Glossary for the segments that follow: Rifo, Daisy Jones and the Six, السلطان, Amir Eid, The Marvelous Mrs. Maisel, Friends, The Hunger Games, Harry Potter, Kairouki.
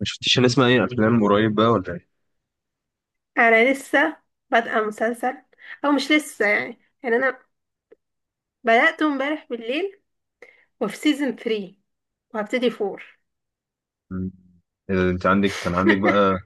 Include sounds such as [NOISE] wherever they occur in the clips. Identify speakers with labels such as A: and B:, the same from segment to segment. A: ما شفتيش نسمع اي افلام قريب بقى ولا ايه؟
B: انا لسه بادئه مسلسل. او مش لسه يعني انا بدأته امبارح بالليل، وفي سيزون 3، وهبتدي 4.
A: مم. إيه ده، انت عندك كان عندك
B: [LAUGHS]
A: بقى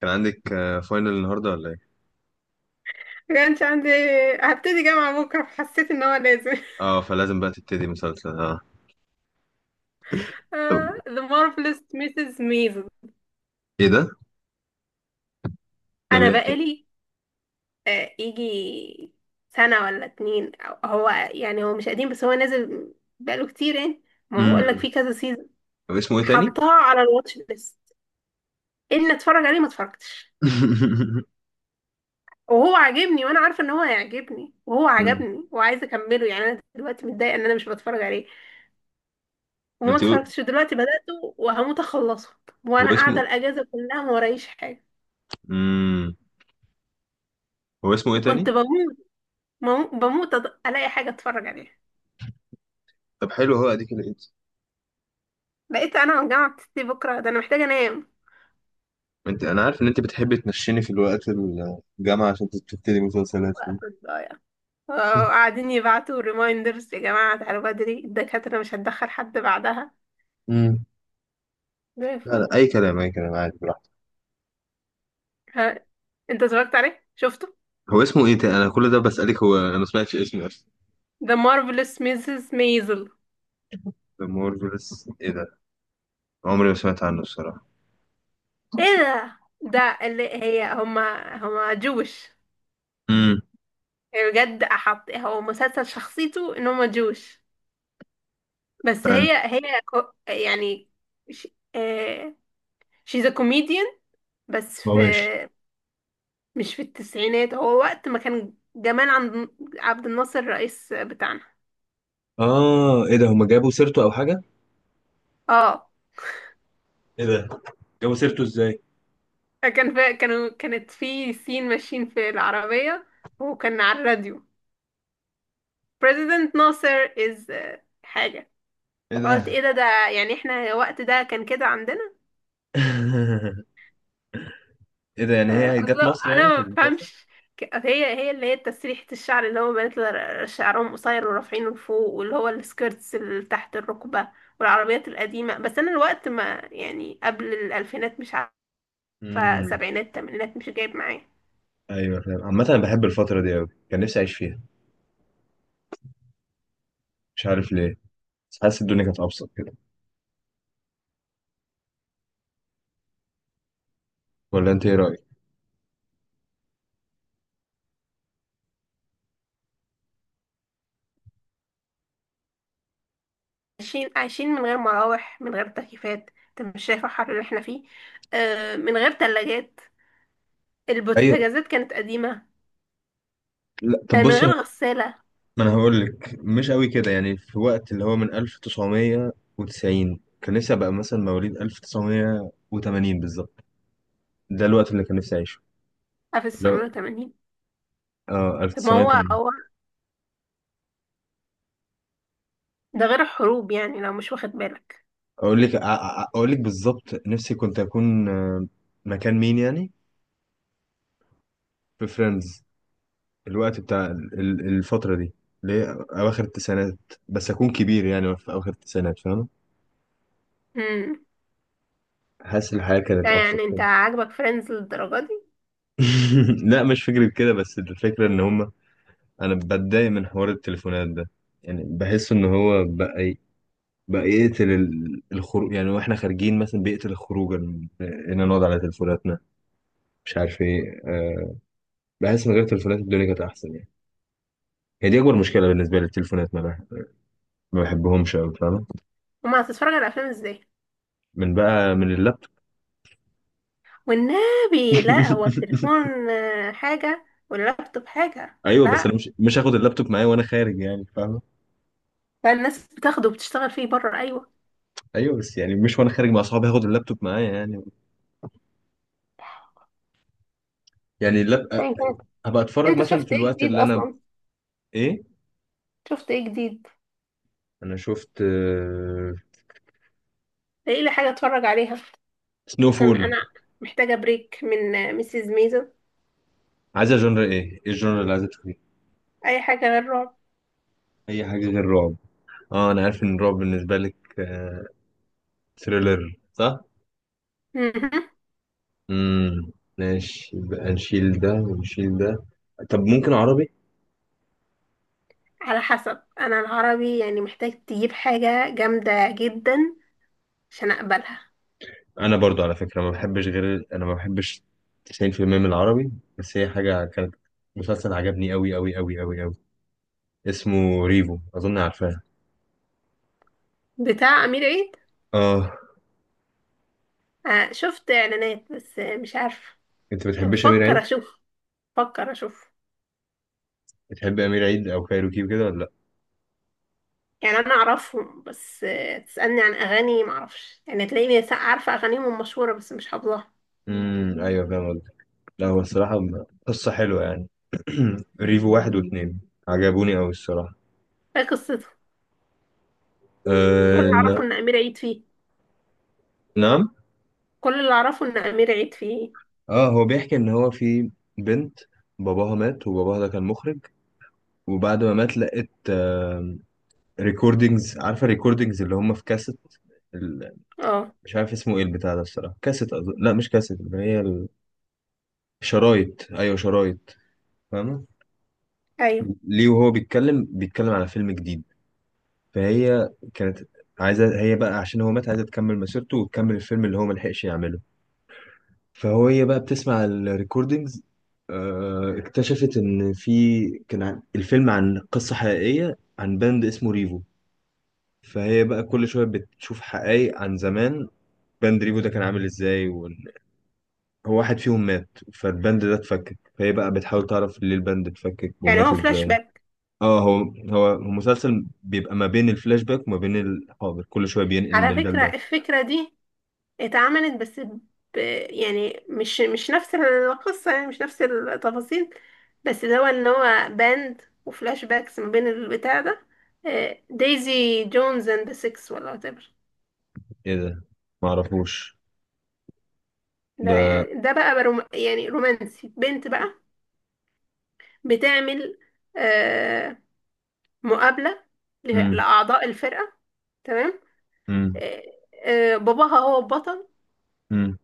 A: كان عندك فاينل النهارده ولا ايه؟
B: كانش عندي. هبتدي جامعة بكرة فحسيت ان هو لازم. [LAUGHS]
A: اه، فلازم بقى تبتدي مسلسل، اه. طب.
B: The Marvelous Mrs. Maisel.
A: ايه ده؟ ده
B: انا
A: بيحكي؟
B: بقالي يجي سنة ولا اتنين هو مش قديم، بس هو نازل بقاله كتير يعني. ما بقول لك
A: امم.
B: فيه كذا سيزون.
A: طب، اسمه ايه تاني؟
B: حطاه على الواتش ليست ان اتفرج عليه، ما اتفرجتش.
A: [LAUGHS]
B: وهو عاجبني، وانا عارفه ان هو هيعجبني، وهو
A: مم.
B: عجبني وعايزه اكمله، يعني انا دلوقتي متضايقه ان انا مش بتفرج عليه، وما
A: انت قو-
B: اتفرجتش. دلوقتي بداته وهموت اخلصه،
A: هو
B: وانا قاعده
A: اسمه
B: الاجازه كلها ما ورايش حاجه.
A: امم هو اسمه ايه
B: وكنت
A: تاني؟
B: بموت، بموت، الاقي حاجه اتفرج عليها.
A: طب حلو، هو اديك لقيت.
B: لقيت انا والجامعه بتشتي بكره، ده انا محتاجه انام،
A: انا عارف ان انت بتحبي تنشيني في الوقت الجامعه عشان تبتدي مسلسلات.
B: وقفت ضايع. قاعدين يبعتوا ريمايندرز، يا جماعه تعالوا بدري الدكاتره مش هتدخل حد بعدها.
A: امم.
B: زي
A: لا لا،
B: الفل.
A: اي كلام اي كلام، عادي، براحتك.
B: ها، انت اتفرجت عليه؟ شفته؟
A: هو اسمه ايه تاني؟ انا كل ده بسالك هو انا ما سمعتش اسمه.
B: The Marvelous Mrs. Maisel.
A: ذا مارفلس ايه ده؟ عمري ما سمعت عنه الصراحه.
B: ايه ده اللي هي هما جوش.
A: امم.
B: هي بجد احط، هو مسلسل شخصيته ان هما جوش، بس
A: حلو.
B: هي يعني ش... آه... she's a comedian. بس
A: هو ماشي.
B: مش في التسعينات، هو وقت ما كان جمال عبد الناصر الرئيس بتاعنا.
A: اه، ايه ده؟ هما جابوا سيرته او حاجه؟
B: اه،
A: ايه ده، جابوا سيرته ازاي؟
B: كانت في سين، ماشيين في العربية وكان على الراديو. President ناصر is حاجة.
A: ايه
B: قلت
A: ده؟
B: ايه ده يعني احنا الوقت ده كان كده عندنا.
A: [LAUGHS] ايه ده، يعني هي جت مصر
B: أصلا انا
A: يعني في
B: ما
A: المسلسل؟
B: بفهمش. هي اللي هي تسريحة الشعر، اللي هو بنات شعرهم قصير ورافعينه لفوق، واللي هو السكيرتس اللي تحت الركبة، والعربيات القديمة. بس انا الوقت ما، يعني قبل الالفينات، مش عارفة
A: امم.
B: سبعينات تمانينات، مش جايب معايا.
A: ايوه فاهم. عامه انا بحب الفتره دي قوي، كان نفسي اعيش فيها. مش عارف ليه. بس حاسس الدنيا كانت ابسط كده. ولا انت ايه رايك؟
B: عايشين عايشين من غير مراوح، من غير تكييفات، انت مش شايف الحر اللي احنا فيه؟ آه، من غير تلاجات.
A: ايوه.
B: البوتاجازات كانت قديمة.
A: لا طب
B: آه، من
A: بص يا.
B: غير غسالة.
A: ما انا هقول لك، مش قوي كده يعني. في وقت اللي هو من 1990، كان نفسي ابقى مثلا مواليد 1980 بالظبط. ده الوقت اللي كان نفسي اعيشه.
B: آه، في
A: لو،
B: السنة 80.
A: اه
B: طب ما هو
A: 1980.
B: هو ده غير الحروب، يعني لو مش واخد بالك.
A: اقول لك بالظبط نفسي كنت اكون، مكان مين يعني؟ في فريندز. الوقت بتاع الفتره دي، اللي هي اواخر التسعينات. بس اكون كبير، يعني في اواخر التسعينات، فاهم؟
B: امم.
A: حاسس الحياه
B: ده
A: كانت ابسط
B: يعني انت
A: كده.
B: عاجبك فريندز للدرجه دي؟
A: [LAUGHS] لا مش فكره كده، بس الفكره ان هم، انا بتضايق من حوار التليفونات ده. يعني بحس ان هو بقى بقى يقتل الخروج، يعني واحنا خارجين مثلا بيقتل الخروج ان نقعد على تليفوناتنا، مش عارف ايه بحس من غير تليفونات الدنيا كانت احسن يعني. هي دي اكبر مشكله بالنسبه لي التليفونات. ما بحبهمش قوي، فاهم.
B: وما هتتفرج على افلام ازاي؟
A: من بقى، من اللابتوب.
B: والنبي لا، هو
A: [LAUGHS]
B: التليفون حاجه واللابتوب حاجه،
A: ايوه بس انا
B: لا.
A: مش هاخد اللابتوب معايا وانا خارج يعني، فاهم.
B: لا، الناس بتاخده وبتشتغل فيه بره. ايوه،
A: ايوه، بس يعني مش وانا خارج مع اصحابي هاخد اللابتوب معايا يعني. يعني
B: أيا كانت.
A: هبقى اتفرج
B: انت
A: مثلا في
B: شفت ايه
A: الوقت
B: جديد
A: اللي انا.
B: اصلا؟
A: ايه؟
B: شفت ايه جديد؟
A: انا شفت
B: ايه لي حاجه اتفرج عليها؟
A: سنو
B: عشان
A: فول.
B: انا محتاجه بريك من ميسيز ميزو.
A: عايزه جنر ايه الجنر اللي عايزه تشوفيه؟
B: اي حاجه غير رعب.
A: اي حاجه غير رعب. اه، انا عارف ان الرعب بالنسبه لك ثريلر، صح.
B: مهم.
A: امم. ماشي، يبقى نشيل ده ونشيل ده. طب ممكن عربي؟
B: على حسب. انا العربي يعني محتاج تجيب حاجه جامده جدا عشان اقبلها.
A: انا برضو على فكرة ما بحبش، غير انا ما بحبش 90% من العربي. بس هي حاجة كانت، مسلسل عجبني قوي قوي قوي قوي قوي، اسمه ريفو، اظن عارفاه.
B: بتاع امير عيد؟
A: اه.
B: شفت اعلانات، بس مش عارفه.
A: انت
B: يعني
A: بتحبش امير
B: بفكر
A: عيد؟
B: اشوف، بفكر اشوف.
A: بتحب امير عيد او كايروكي وكده ولا لا؟
B: يعني انا اعرفهم، بس تسالني عن اغاني ما اعرفش، يعني تلاقيني عارفه اغانيهم مشهوره، بس مش حافظاها.
A: ايوه فاهم قصدك. لا هو الصراحة قصة حلوة يعني. [CLEARS THROAT] ريفو واحد واتنين، عجبوني قوي الصراحة.
B: ايه قصته؟ كل
A: أه...
B: اللي
A: ن-
B: اعرفه ان امير عيد فيه.
A: نعم.
B: كل اللي اعرفه ان امير عيد فيه.
A: اه هو بيحكي ان هو في بنت، باباها مات، وباباها ده كان مخرج. وبعد ما مات، لقت ريكوردينجز. عارفه ريكوردينجز اللي هم في كاسيت، ال-
B: اه،
A: مش عارف اسمه ايه البتاع ده الصراحه، كاسيت أظن. لا مش كاسيت، اللي هي الشرايط، ايوه شرايط، فاهمه.
B: ايوه
A: ليه وهو بيتكلم على فيلم جديد. فهي كانت عايزه هي بقى، عشان هو مات عايزه تكمل مسيرته وتكمل الفيلم اللي هو ملحقش يعمله. فهي بقى بتسمع الريكوردينجز، اكتشفت ان الفيلم عن قصة حقيقية عن باند اسمه ريفو. فهي بقى كل شوية بتشوف حقائق عن زمان، باند ريفو ده كان عامل ازاي، وان هو واحد فيهم مات، فالباند ده اتفكك، فهي بقى بتحاول تعرف ليه الباند اتفكك
B: يعني
A: ومات
B: هو فلاش
A: ازاي.
B: باك.
A: اه، هو مسلسل بيبقى ما بين الفلاش باك وما بين الحاضر، كل شوية بينقل
B: على
A: من ده
B: فكره
A: لده.
B: الفكره دي اتعملت، بس يعني مش نفس القصة، يعني مش نفس التفاصيل، بس اللي هو ان هو باند وفلاش باكس ما بين البتاع ده، دايزي جونز اند ذا سيكس ولا whatever.
A: ايه ده، معرفوش.
B: ده
A: ده
B: يعني ده بقى يعني رومانسي، بنت بقى بتعمل آه، مقابلة
A: امم،
B: لأعضاء الفرقة. تمام.
A: امم،
B: آه، باباها هو البطل.
A: امم.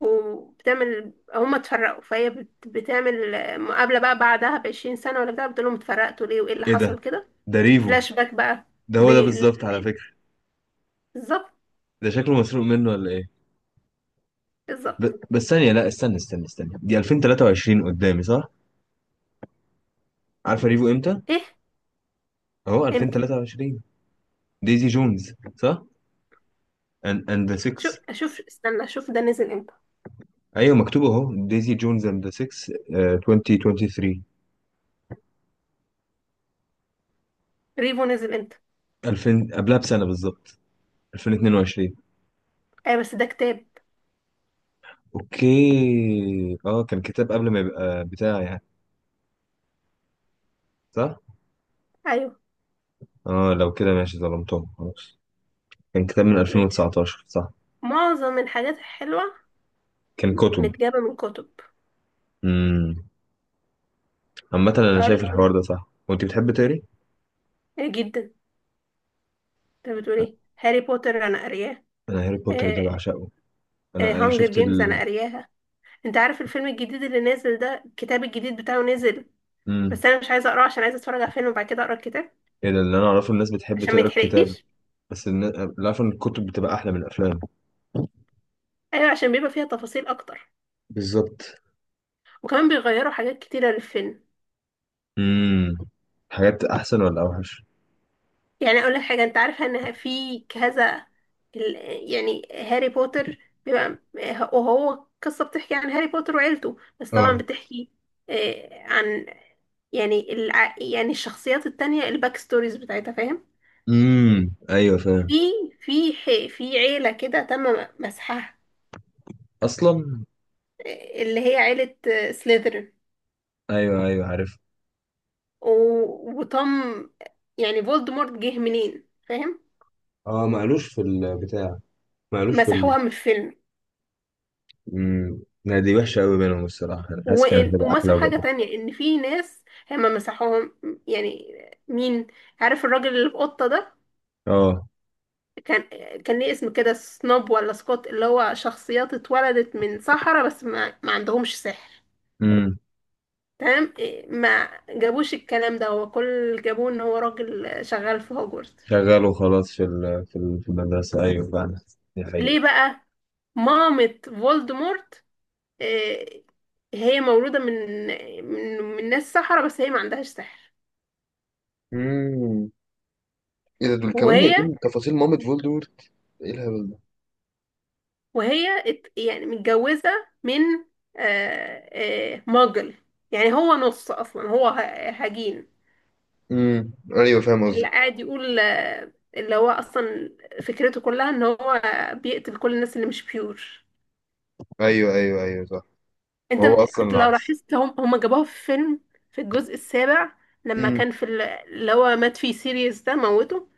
B: وبتعمل هما اتفرقوا، فهي بتعمل مقابلة بقى بعدها بعشرين سنة ولا بتاع، بتقول لهم اتفرقتوا ليه وايه اللي
A: ايه ده،
B: حصل كده.
A: ده ريفو؟
B: فلاش باك بقى.
A: ده هو ده بالظبط على
B: بالأمان.
A: فكرة.
B: بالظبط.
A: ده شكله مسروق منه ولا ايه؟ ب...
B: بالظبط.
A: بس ثانية، لا استنى استنى استنى، دي 2023 قدامي، صح؟ عارفة ريفو امتى؟
B: ايه
A: اهو
B: امتى؟
A: 2023. ديزي جونز صح، and the
B: شوف
A: six.
B: اشوف، استنى اشوف ده نزل امتى.
A: ايوه مكتوب اهو ديزي جونز and the six، 2023.
B: ريفو نزل امتى؟
A: 2000 قبلها بسنة بالظبط، 2022.
B: ايوه، بس ده كتاب.
A: اوكي، اه كان كتاب قبل ما يبقى بتاع يعني، صح.
B: ايوه،
A: اه لو كده ماشي، ظلمتهم خلاص. كان كتاب من
B: انت بتقولي
A: 2019، صح.
B: معظم الحاجات الحلوة
A: كان كتب.
B: متجابة من كتب.
A: مم. عامة أنا
B: اقول
A: شايف
B: لك
A: الحوار
B: ايه؟
A: ده صح، وأنت بتحب تقري؟
B: إيه جدا. انت بتقولي هاري بوتر؟ انا قارياه.
A: أنا هاري بوتر ده بعشقه. أنا
B: هانجر
A: شفت
B: جيمز
A: ال.
B: انا قارياها. انت عارف الفيلم الجديد اللي نازل ده؟ الكتاب الجديد بتاعه نزل،
A: مم.
B: بس انا مش عايزه اقراه عشان عايزه اتفرج على الفيلم وبعد كده اقرا الكتاب،
A: إيه ده، اللي أنا أعرفه الناس بتحب
B: عشان ما
A: تقرا الكتاب.
B: يتحرقليش.
A: بس اللي أعرفه إن الكتب بتبقى أحلى من الأفلام.
B: ايوه، عشان بيبقى فيها تفاصيل اكتر.
A: بالظبط.
B: وكمان بيغيروا حاجات كتيره للفيلم.
A: امم. حاجات أحسن ولا أوحش؟
B: يعني اقول لك حاجه. انت عارفه ان في كذا ال- يعني هاري بوتر، بيبقى وهو قصه بتحكي عن هاري بوتر وعيلته، بس طبعا
A: اه.
B: بتحكي عن، يعني يعني الشخصيات التانية، الباك ستوريز بتاعتها، فاهم؟
A: أيوه فاهم.
B: في في عيله كده تم مسحها،
A: أصلا.
B: اللي هي عيلة سليذرين.
A: أيوه أيوه، عارف.
B: وطم، يعني فولدمورت جه منين، فاهم؟
A: اه ما قالوش في البتاع، ما قالوش في ال.
B: مسحوها من الفيلم.
A: امم. لا دي وحشة أوي بينهم الصراحة، أنا حاسس
B: و...
A: كانت هتبقى أحلى.
B: ومسحوا حاجة
A: وجابوا،
B: تانية، ان في ناس هما مسحوهم. يعني مين؟ عارف الراجل اللي في قطة ده؟
A: اه.
B: كان كان ليه اسم كده سنوب ولا سكوت، اللي هو شخصيات اتولدت من سحرة بس ما عندهمش سحر.
A: امم.
B: تمام إيه، ما جابوش الكلام ده. هو كل اللي جابوه ان هو راجل شغال في هوجورت.
A: شغال وخلاص في المدرسة، أيوه فعلا. دي حقيقة.
B: ليه بقى؟ مامة فولدمورت آه، هي مولودة من ناس سحرة، بس هي ما عندهاش سحر.
A: امم. ايه ده، دول كمان
B: وهي
A: جايبين تفاصيل مامة فولدورت؟ ايه الهبل ده!
B: وهي يعني متجوزة من آه، ماجل. يعني هو نص أصلا، هو هجين.
A: ايوه فاهم
B: اللي
A: قصدك.
B: قاعد يقول اللي هو أصلا فكرته كلها إن هو بيقتل كل الناس اللي مش بيور.
A: ايوه ايوه ايوه، صح.
B: انت
A: وهو اصلا
B: انت لو
A: العكس.
B: لاحظت، هم جابوها في فيلم، في الجزء السابع، لما
A: امم.
B: كان في اللي هو مات فيه سيريوس ده موته.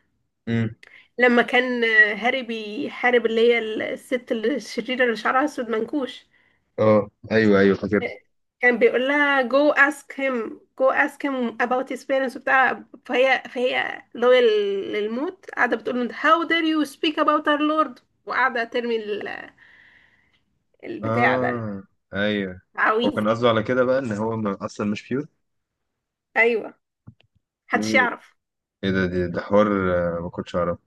A: امم.
B: لما كان هاري بيحارب اللي هي الست الشريرة اللي شعرها اسود منكوش،
A: اه ايوه ايوه، فاكر.
B: كان بيقول لها go ask him go ask him about his parents وبتاع، فهي لويال للموت، قاعدة بتقول له how dare you speak about our lord، وقاعدة ترمي البتاع ده،
A: اه ايوه. هو
B: العويذ.
A: كان قصده على كده بقى ان هو اصلا مش بيور.
B: ايوه، محدش
A: مم.
B: يعرف.
A: ايه ده، ده حوار، ما كنتش اعرف.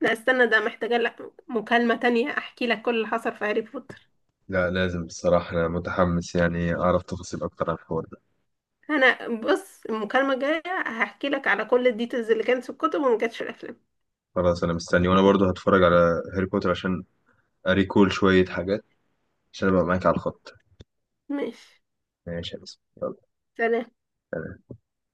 B: لا، استنى، ده محتاجة لك مكالمة تانية احكي لك كل اللي حصل في هاري بوتر.
A: لا لازم بصراحة، أنا متحمس يعني أعرف تفاصيل أكتر عن الحوار ده.
B: انا بص، المكالمة الجاية هحكي لك على كل الديتيلز اللي كانت في الكتب وما كانتش في الافلام.
A: خلاص أنا مستني، وأنا برضو هتفرج على هاري بوتر عشان أريكول شوية حاجات، عشان أبقى معاك على الخط.
B: ماشي.
A: ماشي يا باسم.
B: سلام.
A: يلا.